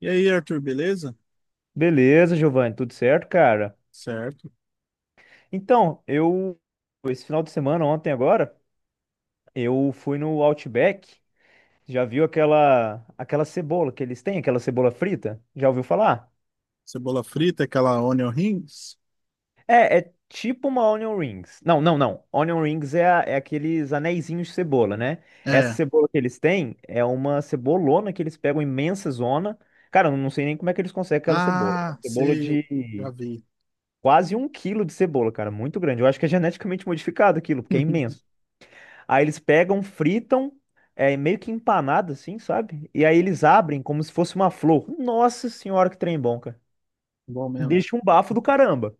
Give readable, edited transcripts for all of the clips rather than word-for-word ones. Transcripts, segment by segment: E aí, Arthur, beleza? Beleza, Giovanni, tudo certo, cara? Certo. Então, eu esse final de semana, ontem agora, eu fui no Outback. Já viu aquela cebola que eles têm, aquela cebola frita? Já ouviu falar? Cebola frita, aquela onion rings? É tipo uma onion rings. Não, não, não. Onion rings é, é aqueles aneizinhos de cebola, né? Essa É. cebola que eles têm é uma cebolona que eles pegam imensa zona. Cara, eu não sei nem como é que eles conseguem aquela cebola. Ah, Cebola sei, eu já de vi. quase um quilo de cebola, cara, muito grande. Eu acho que é geneticamente modificado aquilo, porque é imenso. Aí eles pegam, fritam, é meio que empanado assim, sabe? E aí eles abrem como se fosse uma flor. Nossa senhora, que trem bom, cara. Bom mesmo. Deixa um bafo do caramba,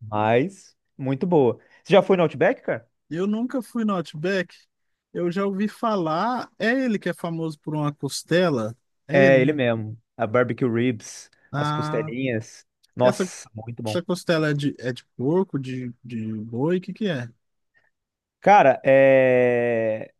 mas muito boa. Você já foi no Outback, cara? Eu nunca fui no Outback. Eu já ouvi falar. É ele que é famoso por uma costela? É ele, É, ele né? mesmo. A barbecue ribs, as Ah, costelinhas. essa, Nossa, muito essa bom. costela é de porco, de boi? O que que é? Cara, é...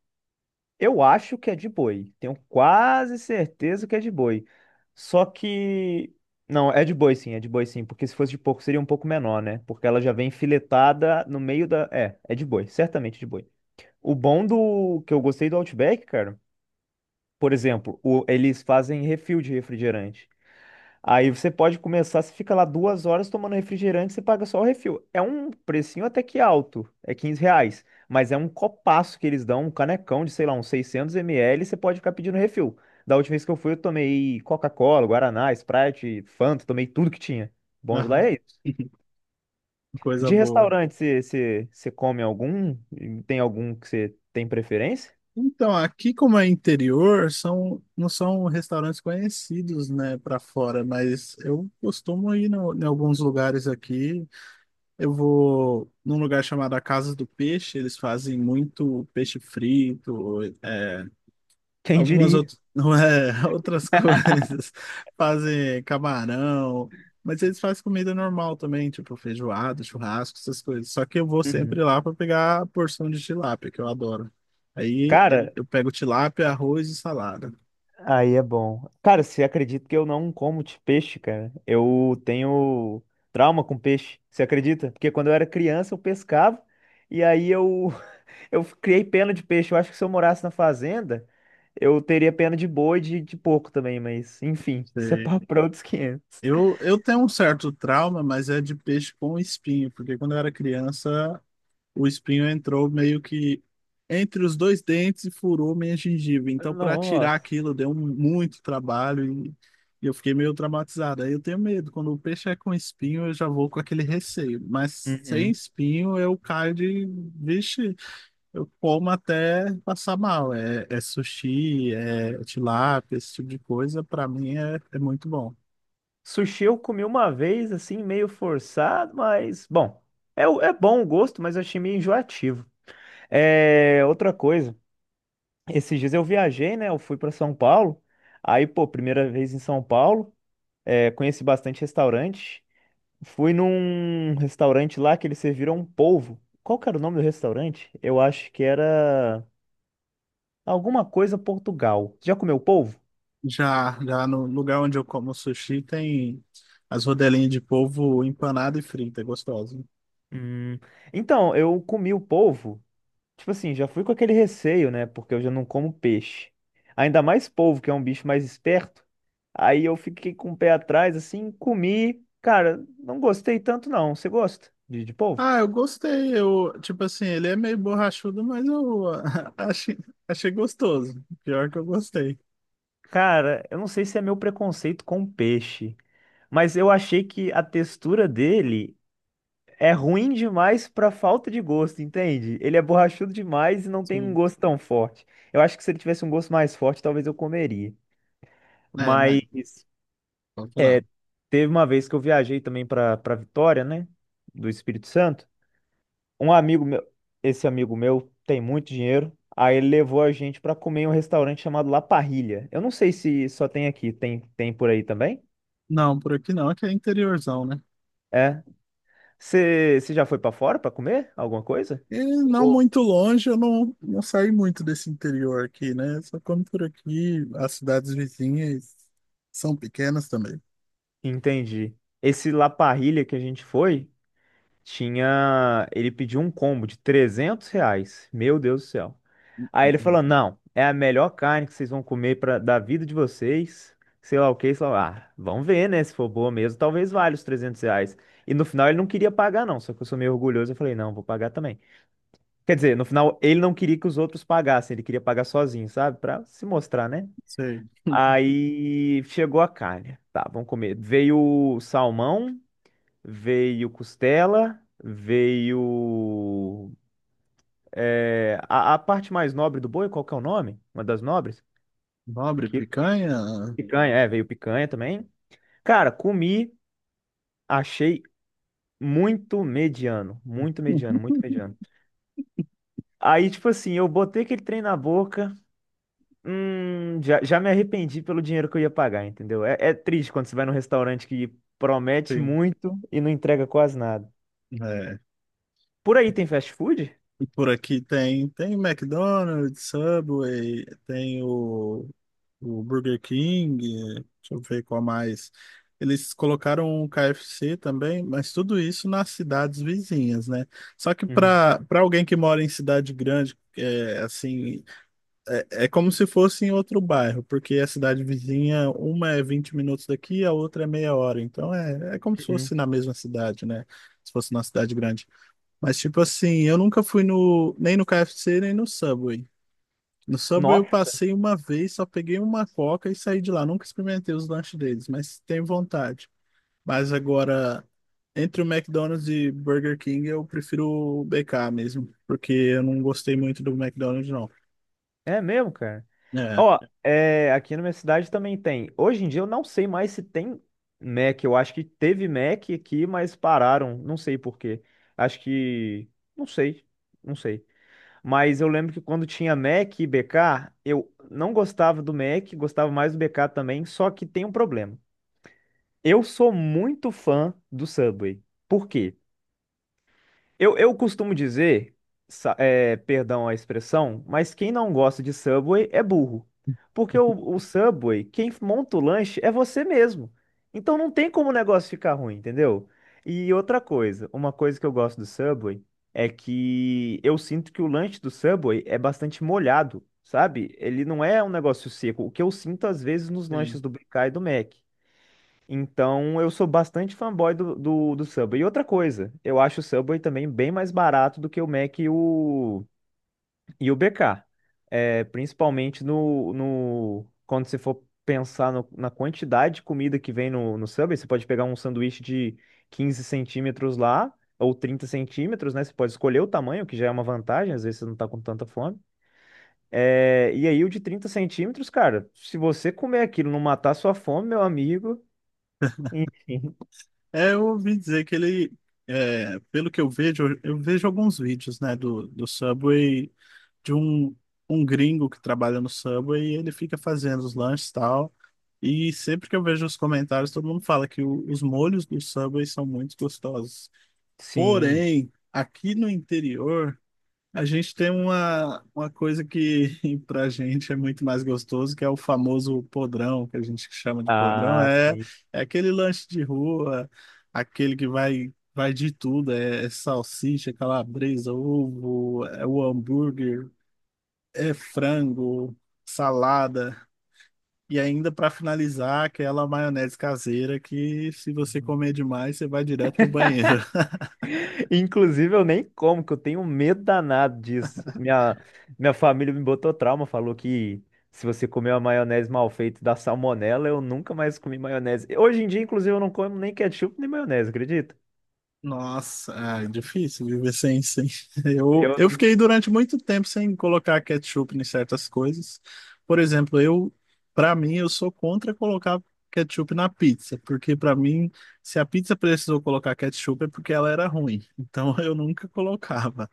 eu acho que é de boi. Tenho quase certeza que é de boi. Só que. Não, é de boi sim, é de boi sim. Porque se fosse de porco seria um pouco menor, né? Porque ela já vem filetada no meio da. É, é de boi, certamente de boi. O bom do que eu gostei do Outback, cara, por exemplo, eles fazem refil de refrigerante. Aí você pode começar, você fica lá 2 horas tomando refrigerante, você paga só o refil. É um precinho até que alto, é 15 reais. Mas é um copaço que eles dão, um canecão de, sei lá, uns 600 ml, você pode ficar pedindo refil. Da última vez que eu fui, eu tomei Coca-Cola, Guaraná, Sprite, Fanta, tomei tudo que tinha. Bom de lá Aham. é isso. Coisa De boa. restaurante, você come algum? Tem algum que você tem preferência? Então, aqui como é interior, não são restaurantes conhecidos, né, para fora, mas eu costumo ir em alguns lugares aqui. Eu vou num lugar chamado A Casa do Peixe, eles fazem muito peixe frito, é, Quem Algumas diria? outras, não é, outras coisas. Fazem camarão, mas eles fazem comida normal também, tipo feijoada, churrasco, essas coisas. Só que eu vou sempre Uhum. lá para pegar a porção de tilápia, que eu adoro. Aí Cara, eu pego tilápia, arroz e salada. aí é bom. Cara, você acredita que eu não como de peixe, cara? Eu tenho trauma com peixe, você acredita? Porque quando eu era criança eu pescava e aí eu, eu criei pena de peixe. Eu acho que se eu morasse na fazenda, eu teria pena de boi e de porco também, mas enfim, isso é Sei. papo pra outros 500. Eu tenho um certo trauma, mas é de peixe com espinho, porque quando eu era criança o espinho entrou meio que entre os dois dentes e furou minha gengiva. Então, para tirar Nossa. aquilo, deu muito trabalho e eu fiquei meio traumatizado. Aí eu tenho medo. Quando o peixe é com espinho, eu já vou com aquele receio. Mas sem Uhum. espinho, eu caio de. Vixe, eu como até passar mal. É sushi, é tilápia, esse tipo de coisa. Para mim é muito bom. Sushi eu comi uma vez, assim, meio forçado, mas bom. É, é bom o gosto, mas eu achei meio enjoativo. É, outra coisa. Esses dias eu viajei, né? Eu fui para São Paulo. Aí, pô, primeira vez em São Paulo, é, conheci bastante restaurante. Fui num restaurante lá que eles serviram um polvo. Qual que era o nome do restaurante? Eu acho que era alguma coisa Portugal. Já comeu polvo? Já, já no lugar onde eu como sushi tem as rodelinhas de polvo empanada e frita, é gostoso. Hum, Então, eu comi o polvo. Tipo assim, já fui com aquele receio, né? Porque eu já não como peixe. Ainda mais polvo, que é um bicho mais esperto. Aí eu fiquei com o pé atrás, assim, comi. Cara, não gostei tanto, não. Você gosta de polvo? Ah, eu gostei. Eu, tipo assim, ele é meio borrachudo, mas eu achei, achei gostoso. Pior que eu gostei. Cara, eu não sei se é meu preconceito com peixe, mas eu achei que a textura dele é ruim demais pra falta de gosto, entende? Ele é borrachudo demais e não tem um Sim. gosto tão forte. Eu acho que se ele tivesse um gosto mais forte, talvez eu comeria. É, mas Mas. pode falar. Teve uma vez que eu viajei também para Vitória, né? Do Espírito Santo. Um amigo meu, esse amigo meu tem muito dinheiro. Aí ele levou a gente para comer em um restaurante chamado La Parrilla. Eu não sei se só tem aqui, tem por aí também? Não, por aqui não, aqui é interiorzão, né? É. Você já foi para fora para comer alguma coisa? E não Ou- muito longe, eu não saí muito desse interior aqui, né? Só como por aqui, as cidades vizinhas são pequenas também. Entendi. Esse La Parrilla que a gente foi, tinha. Ele pediu um combo de 300 reais. Meu Deus do céu. Aí ele Uhum. falou: não, é a melhor carne que vocês vão comer pra, da vida de vocês. Sei lá o que, sei lá. Ah, vamos ver, né? Se for boa mesmo, talvez valha os 300 reais. E no final ele não queria pagar, não. Só que eu sou meio orgulhoso. Eu falei: não, vou pagar também. Quer dizer, no final ele não queria que os outros pagassem. Ele queria pagar sozinho, sabe? Pra se mostrar, né? Sei. Aí chegou a carne. Tá, vamos comer. Veio salmão, veio costela, veio é, a parte mais nobre do boi, qual que é o nome? Uma das nobres? Nobre, Que, picanha. picanha, é, veio picanha também. Cara, comi, achei muito mediano, muito mediano, muito mediano. Aí, tipo assim, eu botei aquele trem na boca, já me arrependi pelo dinheiro que eu ia pagar, entendeu? É, é triste quando você vai num restaurante que promete Sim, muito e não entrega quase nada. é. Por aí tem fast food? E por aqui tem McDonald's, Subway, tem o Burger King, deixa eu ver qual mais. Eles colocaram o KFC também, mas tudo isso nas cidades vizinhas, né? Só que Uhum. para alguém que mora em cidade grande, é, assim, é como se fosse em outro bairro, porque a cidade vizinha, uma é 20 minutos daqui, a outra é meia hora. Então é como se Uhum. fosse na mesma cidade, né? Se fosse na cidade grande. Mas, tipo assim, eu nunca fui nem no KFC, nem no Subway. No Subway eu Nossa, passei uma vez, só peguei uma coca e saí de lá. Nunca experimentei os lanches deles, mas tenho vontade. Mas agora, entre o McDonald's e Burger King, eu prefiro o BK mesmo, porque eu não gostei muito do McDonald's, não. é mesmo, cara. É, Ó, é, aqui na minha cidade também tem. Hoje em dia eu não sei mais se tem Mac. Eu acho que teve Mac aqui, mas pararam. Não sei por quê. Acho que. Não sei. Não sei. Mas eu lembro que quando tinha Mac e BK, eu não gostava do Mac, gostava mais do BK também, só que tem um problema. Eu sou muito fã do Subway. Por quê? Eu costumo dizer, é, perdão a expressão, mas quem não gosta de Subway é burro. Porque o Subway, quem monta o lanche é você mesmo. Então não tem como o negócio ficar ruim, entendeu? E outra coisa, uma coisa que eu gosto do Subway é que eu sinto que o lanche do Subway é bastante molhado, sabe? Ele não é um negócio seco, o que eu sinto às vezes nos sim. lanches do BK e do Mac. Então, eu sou bastante fanboy do Subway. E outra coisa, eu acho o Subway também bem mais barato do que o Mac e o BK. É, principalmente no, no, quando você for pensar na quantidade de comida que vem no Subway, você pode pegar um sanduíche de 15 centímetros lá, ou 30 centímetros, né? Você pode escolher o tamanho, que já é uma vantagem, às vezes você não tá com tanta fome. É, e aí, o de 30 centímetros, cara, se você comer aquilo e não matar sua fome, meu amigo. Enfim. Eu ouvi dizer que ele, pelo que eu vejo, alguns vídeos, né, do Subway de um gringo que trabalha no Subway e ele fica fazendo os lanches e tal. E sempre que eu vejo os comentários, todo mundo fala que os molhos do Subway são muito gostosos. Sim. Porém, aqui no interior, a gente tem uma coisa que pra gente é muito mais gostoso, que é o famoso podrão, que a gente chama de podrão. Ah, É, sim. é aquele lanche de rua, aquele que vai, vai de tudo, é salsicha, calabresa, ovo, é o hambúrguer, é frango, salada e ainda para finalizar aquela maionese caseira que se você comer demais você vai direto pro banheiro. Inclusive, eu nem como, que eu tenho um medo danado disso. Minha família me botou trauma, falou que se você comer uma maionese mal feita dá salmonela, eu nunca mais comi maionese. Hoje em dia, inclusive, eu não como nem ketchup nem maionese, acredita? Nossa, ah, é difícil viver sem. Eu, Eu eu não... fiquei durante muito tempo sem colocar ketchup em certas coisas. Por exemplo, eu, para mim, eu sou contra colocar ketchup na pizza, porque para mim, se a pizza precisou colocar ketchup é porque ela era ruim. Então eu nunca colocava.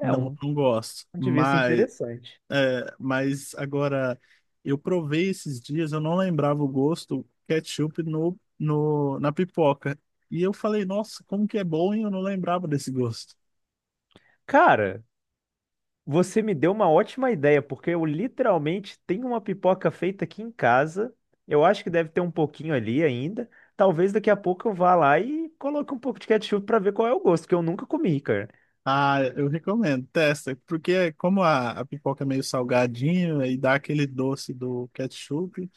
é Não, um não gosto. ponto de vista Mas. interessante. É, mas agora eu provei esses dias, eu não lembrava o gosto ketchup no, no, na pipoca. E eu falei, nossa, como que é bom e eu não lembrava desse gosto. Cara, você me deu uma ótima ideia, porque eu literalmente tenho uma pipoca feita aqui em casa. Eu acho que deve ter um pouquinho ali ainda. Talvez daqui a pouco eu vá lá e coloque um pouco de ketchup para ver qual é o gosto, que eu nunca comi, cara. Ah, eu recomendo, testa, porque como a pipoca é meio salgadinha e dá aquele doce do ketchup,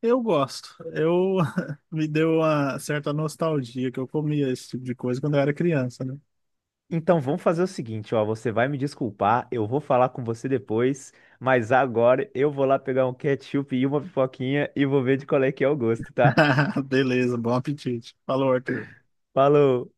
eu gosto. Eu me deu uma certa nostalgia que eu comia esse tipo de coisa quando eu era criança, né? Então vamos fazer o seguinte, ó, você vai me desculpar, eu vou falar com você depois, mas agora eu vou lá pegar um ketchup e uma pipoquinha e vou ver de qual é que é o gosto, tá? Beleza, bom apetite. Falou, Arthur. Falou.